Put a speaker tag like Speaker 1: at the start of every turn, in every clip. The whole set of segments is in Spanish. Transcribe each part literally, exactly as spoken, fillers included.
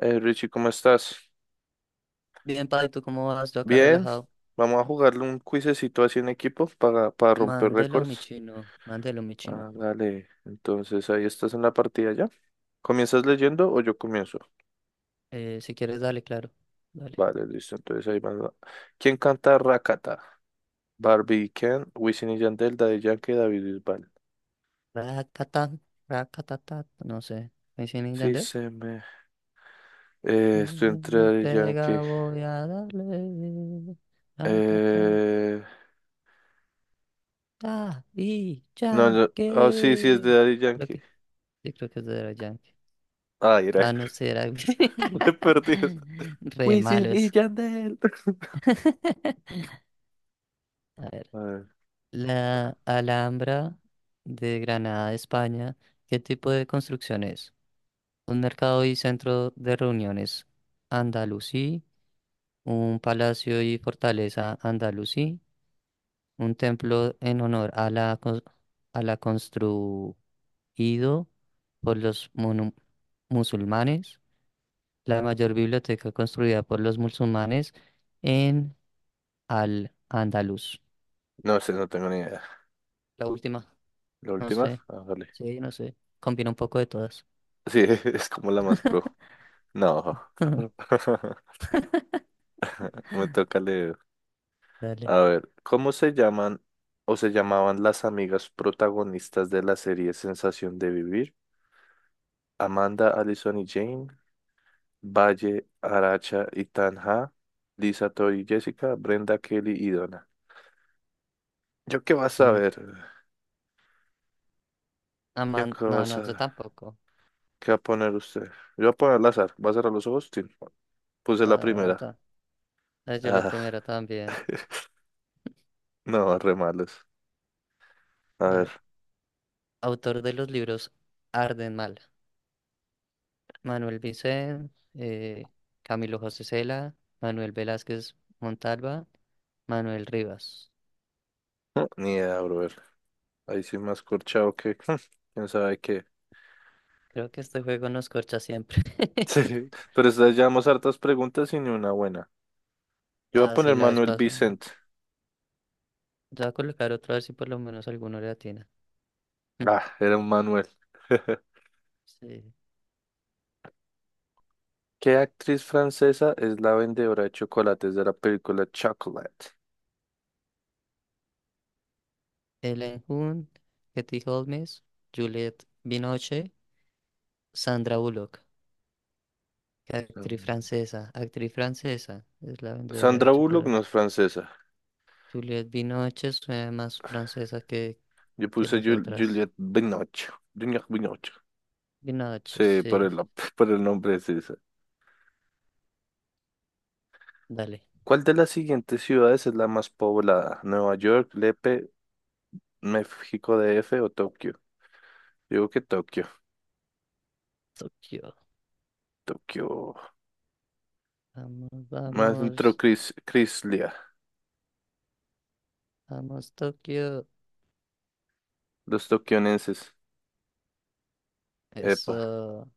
Speaker 1: Eh, Richie, ¿cómo estás?
Speaker 2: Bien, Pai, ¿tú cómo vas? Yo acá
Speaker 1: Bien,
Speaker 2: relajado.
Speaker 1: vamos a jugarle un cuisecito así en equipo para, para romper
Speaker 2: Mándelo, mi
Speaker 1: récords.
Speaker 2: chino. Mándelo, mi chino.
Speaker 1: Ah, dale, entonces ahí estás en la partida ya. ¿Comienzas leyendo o yo comienzo?
Speaker 2: Eh, si quieres, dale, claro. Dale.
Speaker 1: Vale, listo, entonces ahí va. ¿Quién canta Rakata? Barbie, Ken, Wisin y Yandel, Daddy Yankee, David Bisbal.
Speaker 2: Racatán, racatatá. No sé. ¿Me y
Speaker 1: Sí,
Speaker 2: Yandel?
Speaker 1: se me...
Speaker 2: Eh,
Speaker 1: eh, estoy entre
Speaker 2: Me
Speaker 1: Daddy Yankee.
Speaker 2: pega, voy a darle. Racatá.
Speaker 1: Eh...
Speaker 2: Ah, y
Speaker 1: No, no, oh, sí, sí, es de
Speaker 2: Yankee.
Speaker 1: Daddy
Speaker 2: Creo
Speaker 1: Yankee.
Speaker 2: que, sí, creo que es de los Yankee.
Speaker 1: Ay, era
Speaker 2: Ah, no sé, era.
Speaker 1: re perdido.
Speaker 2: Re
Speaker 1: Wisin y
Speaker 2: malos.
Speaker 1: Yandel.
Speaker 2: A ver.
Speaker 1: A ver.
Speaker 2: La Alhambra de Granada, España, ¿qué tipo de construcción es? Un mercado y centro de reuniones andalusí, un palacio y fortaleza andalusí, un templo en honor a la, cons- a la construido por los monu- musulmanes, la mayor biblioteca construida por los musulmanes en Al-Andalus.
Speaker 1: No sé, no tengo ni idea.
Speaker 2: La última,
Speaker 1: ¿La
Speaker 2: no
Speaker 1: última?
Speaker 2: sé,
Speaker 1: Ah, vale.
Speaker 2: sí, no sé, combina un poco de todas.
Speaker 1: Sí, es como la más pro. No. Me toca leer.
Speaker 2: Dale.
Speaker 1: A ver, ¿cómo se llaman o se llamaban las amigas protagonistas de la serie Sensación de Vivir? Amanda, Allison y Jane, Valle, Aracha y Tanja, Lisa, Tori y Jessica, Brenda, Kelly y Donna. ¿Yo qué vas a
Speaker 2: Ujú.
Speaker 1: ver?
Speaker 2: Ah,
Speaker 1: ¿Yo
Speaker 2: man,
Speaker 1: qué
Speaker 2: no,
Speaker 1: vas
Speaker 2: no, yo
Speaker 1: a...
Speaker 2: tampoco.
Speaker 1: ¿Qué va a poner usted? Yo voy a poner al azar. ¿Va a cerrar los ojos? Sí. Puse la
Speaker 2: Ta,
Speaker 1: primera.
Speaker 2: ta. Eh, Yo la
Speaker 1: Ah.
Speaker 2: primera también.
Speaker 1: No, re malos. A
Speaker 2: A
Speaker 1: ver,
Speaker 2: ver, autor de los libros Arden Mal. Manuel Vicent, eh, Camilo José Cela, Manuel Velázquez Montalva, Manuel Rivas.
Speaker 1: no, ni idea, brother. Ahí sí más corchado que quién sabe qué.
Speaker 2: Creo que este juego nos corcha siempre.
Speaker 1: Sí, pero estas llevamos hartas preguntas y ni una buena. Yo voy a
Speaker 2: Ah, sí,
Speaker 1: poner
Speaker 2: la vez
Speaker 1: Manuel
Speaker 2: pasada.
Speaker 1: Vicente.
Speaker 2: Yo voy a colocar otra vez si por lo menos alguno le atina. Mm,
Speaker 1: Ah, era un Manuel.
Speaker 2: sí.
Speaker 1: ¿Qué actriz francesa es la vendedora de chocolates de la película Chocolate?
Speaker 2: Ellen Hun, Katie Holmes, Juliette Binoche, Sandra Bullock. Actriz
Speaker 1: Mm.
Speaker 2: francesa, actriz francesa, es la vendedora de
Speaker 1: Sandra Bullock no
Speaker 2: chocolate.
Speaker 1: es francesa.
Speaker 2: Juliette Binoche suena más francesa que,
Speaker 1: Yo
Speaker 2: que
Speaker 1: puse
Speaker 2: las
Speaker 1: Jul-
Speaker 2: otras.
Speaker 1: Juliette Binoche. Juliette Binoche.
Speaker 2: Binoche,
Speaker 1: Sí, por
Speaker 2: sí,
Speaker 1: el, por el nombre es esa.
Speaker 2: dale.
Speaker 1: ¿Cuál de las siguientes ciudades es la más poblada? Nueva York, Lepe, México D F o Tokio. Digo que Tokio.
Speaker 2: Tokio,
Speaker 1: Tokio.
Speaker 2: vamos,
Speaker 1: Más dentro
Speaker 2: vamos,
Speaker 1: Cris, Crislia.
Speaker 2: vamos, Tokio.
Speaker 1: Los tokionenses. Epa.
Speaker 2: Eso,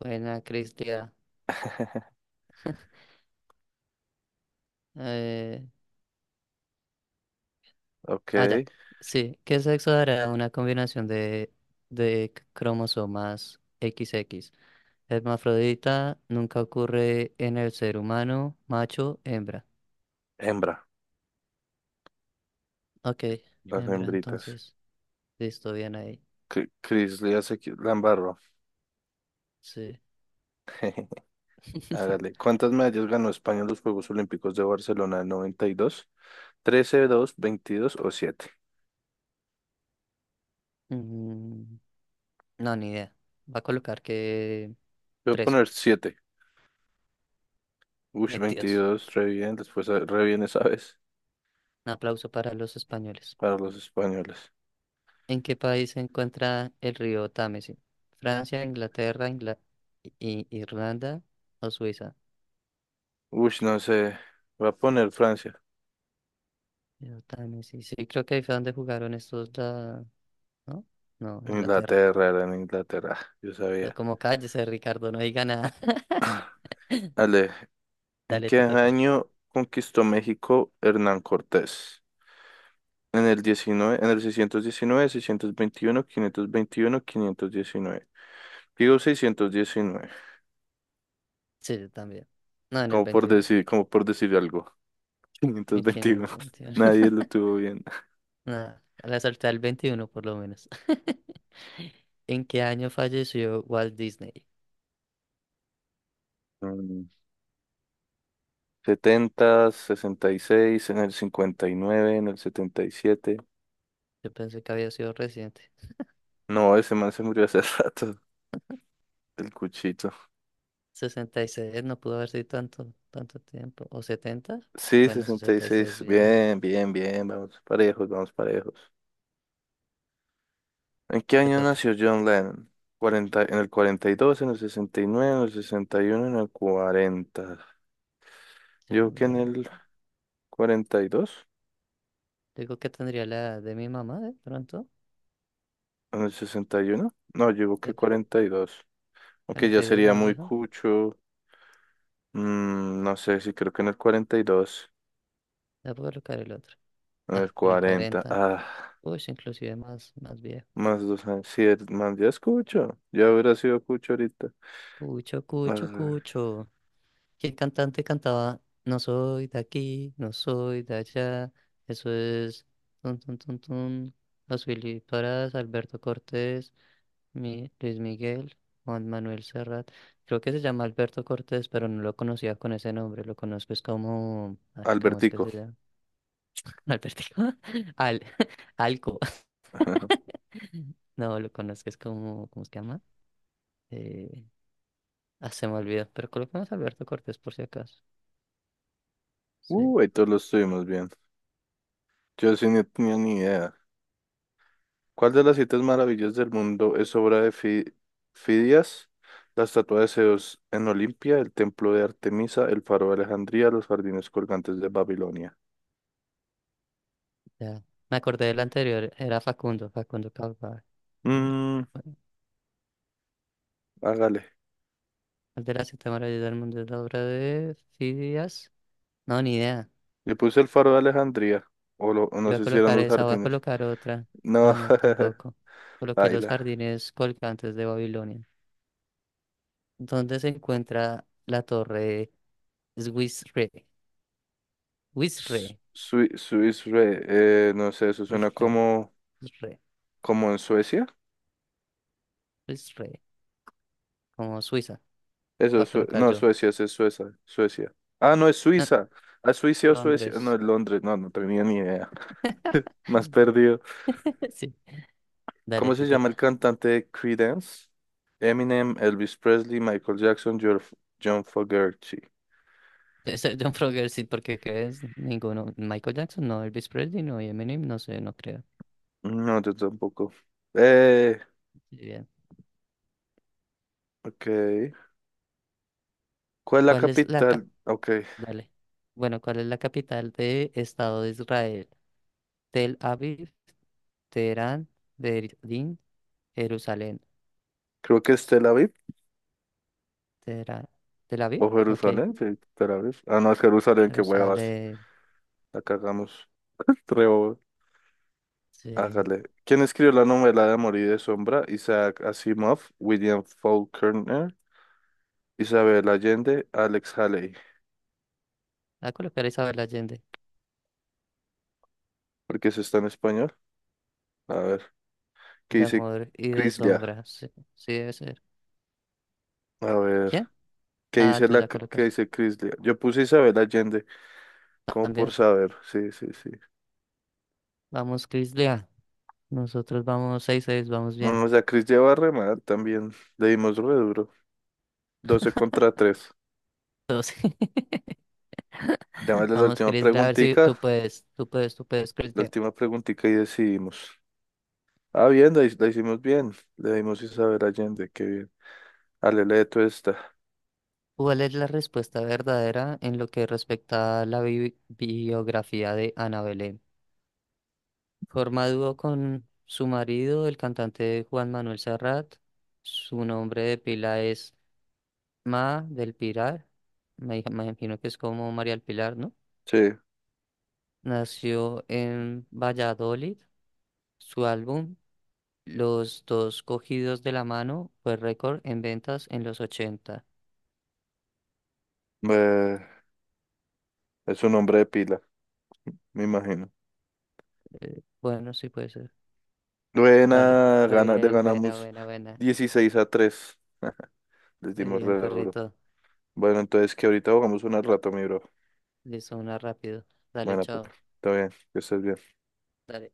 Speaker 2: buena, Cristia. Eh,
Speaker 1: Ok.
Speaker 2: ah, ya, sí, ¿qué sexo dará una combinación de, de c- cromosomas equis equis? Hermafrodita nunca ocurre en el ser humano, macho, hembra.
Speaker 1: Hembra.
Speaker 2: Ok,
Speaker 1: Las
Speaker 2: hembra,
Speaker 1: hembritas.
Speaker 2: entonces. Listo, bien ahí.
Speaker 1: Cri- Crislia se qui- la embarró.
Speaker 2: Sí.
Speaker 1: Hágale. ¿Cuántas medallas ganó España en los Juegos Olímpicos de Barcelona en noventa y dos? ¿trece, dos, veintidós o siete?
Speaker 2: Mm, no, ni idea. Va a colocar que
Speaker 1: Voy a
Speaker 2: trece,
Speaker 1: poner siete. Uy,
Speaker 2: veintidós.
Speaker 1: veintidós, re bien. Después eh, re bien esa vez
Speaker 2: Un aplauso para los españoles.
Speaker 1: para los españoles.
Speaker 2: ¿En qué país se encuentra el río Támesis? ¿Francia, Inglaterra, Ingla- I- Irlanda o Suiza?
Speaker 1: Uy, no sé. Voy a poner Francia.
Speaker 2: Río Támesis. Sí, creo que ahí fue donde jugaron estos la... ¿No? No, Inglaterra. Pero
Speaker 1: Inglaterra, era en Inglaterra, yo sabía.
Speaker 2: como cállese, Ricardo, no diga nada.
Speaker 1: Ale, ¿en
Speaker 2: Dale,
Speaker 1: qué
Speaker 2: te toca.
Speaker 1: año conquistó México Hernán Cortés? En el diecinueve, en el seiscientos seiscientos diecinueve, seiscientos veintiuno, quinientos veintiuno, quinientos diecinueve. Digo seiscientos diecinueve,
Speaker 2: Sí, yo también. No, en el
Speaker 1: como por decir, como por decir algo.
Speaker 2: veintiuno.
Speaker 1: Quinientos veintiuno.
Speaker 2: mil quinientos veintiuno.
Speaker 1: Nadie lo tuvo bien.
Speaker 2: Nada, la salté al veintiuno por lo menos. ¿En qué año falleció Walt Disney?
Speaker 1: Mm, setenta, sesenta y seis, en el cincuenta y nueve, en el setenta y siete.
Speaker 2: Yo pensé que había sido reciente.
Speaker 1: No, ese man se murió hace rato, el cuchito.
Speaker 2: Sesenta y seis no pudo haber sido tanto, tanto tiempo. ¿O setenta?
Speaker 1: Sí,
Speaker 2: Bueno,
Speaker 1: sesenta y
Speaker 2: sesenta y seis
Speaker 1: seis,
Speaker 2: bien,
Speaker 1: bien, bien, bien. Vamos parejos, vamos parejos. ¿En qué
Speaker 2: te
Speaker 1: año
Speaker 2: toca.
Speaker 1: nació John Lennon? Cuarenta, en el cuarenta y dos, en el sesenta y nueve, en el sesenta y uno, en el cuarenta. Yo digo que
Speaker 2: Segunda
Speaker 1: en
Speaker 2: año.
Speaker 1: el cuarenta y dos,
Speaker 2: Digo que tendría la edad de mi mamá de pronto.
Speaker 1: en el sesenta y uno, no, yo digo
Speaker 2: De
Speaker 1: que
Speaker 2: pr-
Speaker 1: cuarenta y dos. Aunque ya
Speaker 2: Cuarenta y dos
Speaker 1: sería
Speaker 2: más
Speaker 1: muy
Speaker 2: vieja.
Speaker 1: cucho. Mm, no sé si creo que en el cuarenta y dos,
Speaker 2: Ya puedo colocar el otro.
Speaker 1: en
Speaker 2: Ah,
Speaker 1: el
Speaker 2: en el
Speaker 1: cuarenta.
Speaker 2: cuarenta.
Speaker 1: Ah,
Speaker 2: Uy, inclusive más, más viejo.
Speaker 1: más dos años. Sí, el- más ya es cucho. Ya hubiera sido cucho ahorita.
Speaker 2: Cucho, cucho,
Speaker 1: Ah,
Speaker 2: cucho. Que el cantante cantaba No soy de aquí, no soy de allá. Eso es tun tun tun tun. Los Willy Parás, Alberto Cortés, Mi- Luis Miguel, Juan Manuel Serrat. Creo que se llama Alberto Cortés, pero no lo conocía con ese nombre. Lo conozco es como, ay, ¿cómo es que
Speaker 1: Albertico.
Speaker 2: se llama? Albertico. Al, Alco. No, lo conozco es como, ¿cómo se llama? Eh, ah, se me olvidó, pero coloquemos Alberto Cortés por si acaso. Sí.
Speaker 1: Uh, ahí todos lo estuvimos bien. Yo sí no tenía ni idea. ¿Cuál de las siete maravillas del mundo es obra de Fi- Fidias? La estatua de Zeus en Olimpia, el templo de Artemisa, el faro de Alejandría, los jardines colgantes de Babilonia.
Speaker 2: Ya. Me acordé del anterior, era Facundo, Facundo Cabral. ¿No?
Speaker 1: Mmm,
Speaker 2: Bueno,
Speaker 1: hágale.
Speaker 2: el de la séptima maravilla del mundo es la obra de Fidias. No, ni idea.
Speaker 1: Le puse el faro de Alejandría. O, lo- o
Speaker 2: Yo
Speaker 1: no
Speaker 2: voy a
Speaker 1: sé si eran
Speaker 2: colocar
Speaker 1: los
Speaker 2: esa, voy a
Speaker 1: jardines.
Speaker 2: colocar otra.
Speaker 1: No,
Speaker 2: Ah, no, tampoco. Coloqué los
Speaker 1: baila.
Speaker 2: jardines colgantes de Babilonia. ¿Dónde se encuentra la torre Swisre?
Speaker 1: Su-
Speaker 2: Swisre,
Speaker 1: Sui- Suiza, eh, no sé, eso suena
Speaker 2: Swisre,
Speaker 1: como,
Speaker 2: Swisre,
Speaker 1: como en Suecia.
Speaker 2: Swisre, como Suiza.
Speaker 1: Eso
Speaker 2: Voy a
Speaker 1: es, Sue-
Speaker 2: colocar
Speaker 1: no,
Speaker 2: yo.
Speaker 1: Suecia, ese es Suecia, Suecia. Ah, no, es
Speaker 2: Ah,
Speaker 1: Suiza. ¿A Suiza o Suecia? No,
Speaker 2: Londres.
Speaker 1: es Londres, no, no tenía ni idea. Más perdido.
Speaker 2: Sí, dale,
Speaker 1: ¿Cómo se
Speaker 2: te
Speaker 1: llama el
Speaker 2: toca.
Speaker 1: cantante de Creedence? Eminem, Elvis Presley, Michael Jackson, Jor- John Fogerty.
Speaker 2: Este, John Frogger, sí, porque ¿qué es? Ninguno. Michael Jackson, no. Elvis Presley, no. Y Eminem, no sé, no creo.
Speaker 1: No, yo tampoco. Eh,
Speaker 2: Bien.
Speaker 1: ok. ¿Cuál es la
Speaker 2: ¿Cuál es la cap-
Speaker 1: capital? Ok,
Speaker 2: Dale. Bueno, ¿cuál es la capital de Estado de Israel? Tel Aviv, Teherán, Berlín, Jerusalén.
Speaker 1: creo que es Tel Aviv
Speaker 2: Teherán. ¿Tel Aviv?
Speaker 1: o
Speaker 2: Ok.
Speaker 1: Jerusalén. Sí, Tel Aviv. Ah, no, es Jerusalén, qué huevas.
Speaker 2: Jerusalén.
Speaker 1: La cagamos. Re
Speaker 2: Sí.
Speaker 1: hágale. ¿Quién escribió la novela de Amor y de Sombra? Isaac Asimov, William Faulkner, Isabel Allende, Alex Haley.
Speaker 2: A colocar a Isabel Allende.
Speaker 1: ¿Por qué eso está en español? A ver, ¿qué
Speaker 2: De
Speaker 1: dice
Speaker 2: amor y de
Speaker 1: Crislia?
Speaker 2: sombra. Sí, sí debe ser.
Speaker 1: A ver,
Speaker 2: ¿Quién?
Speaker 1: ¿qué
Speaker 2: Ah,
Speaker 1: dice
Speaker 2: tú
Speaker 1: la
Speaker 2: ya
Speaker 1: qué
Speaker 2: colocas.
Speaker 1: dice Crislia? Yo puse Isabel Allende, como por
Speaker 2: También.
Speaker 1: saber. Sí, sí, sí.
Speaker 2: Vamos, Chris Lea. Nosotros vamos seis seis vamos
Speaker 1: No, o
Speaker 2: bien.
Speaker 1: sea, Crislia va re mal también. Le dimos re duro. doce contra tres.
Speaker 2: Todos.
Speaker 1: Démosle la
Speaker 2: Vamos,
Speaker 1: última
Speaker 2: Chris, a ver si
Speaker 1: preguntica.
Speaker 2: tú puedes, tú puedes, tú puedes, Chris.
Speaker 1: La
Speaker 2: Ve,
Speaker 1: última preguntica y decidimos. Ah, bien, la, hi- la hicimos bien. Le dimos Isabel Allende, qué bien. Alele Tuesta.
Speaker 2: ¿cuál es la respuesta verdadera en lo que respecta a la bi- biografía de Ana Belén? Forma dúo con su marido, el cantante Juan Manuel Serrat. Su nombre de pila es Ma del Pilar. Me, me imagino que es como María del Pilar, ¿no?
Speaker 1: Sí,
Speaker 2: Nació en Valladolid. Su álbum, Los dos cogidos de la mano, fue récord en ventas en los ochenta.
Speaker 1: eh, es un hombre de pila, me imagino.
Speaker 2: Eh, Bueno, sí puede ser. Vale.
Speaker 1: Buena,
Speaker 2: Re
Speaker 1: gana, le
Speaker 2: bien, buena,
Speaker 1: ganamos
Speaker 2: buena, buena.
Speaker 1: dieciséis a tres. Les
Speaker 2: Re
Speaker 1: dimos
Speaker 2: bien,
Speaker 1: re duro.
Speaker 2: perrito.
Speaker 1: Bueno, entonces que ahorita jugamos una rato, mi bro.
Speaker 2: Listo, una rápido. Dale,
Speaker 1: Bueno, papi,
Speaker 2: chao.
Speaker 1: está bien, que estés bien.
Speaker 2: Dale.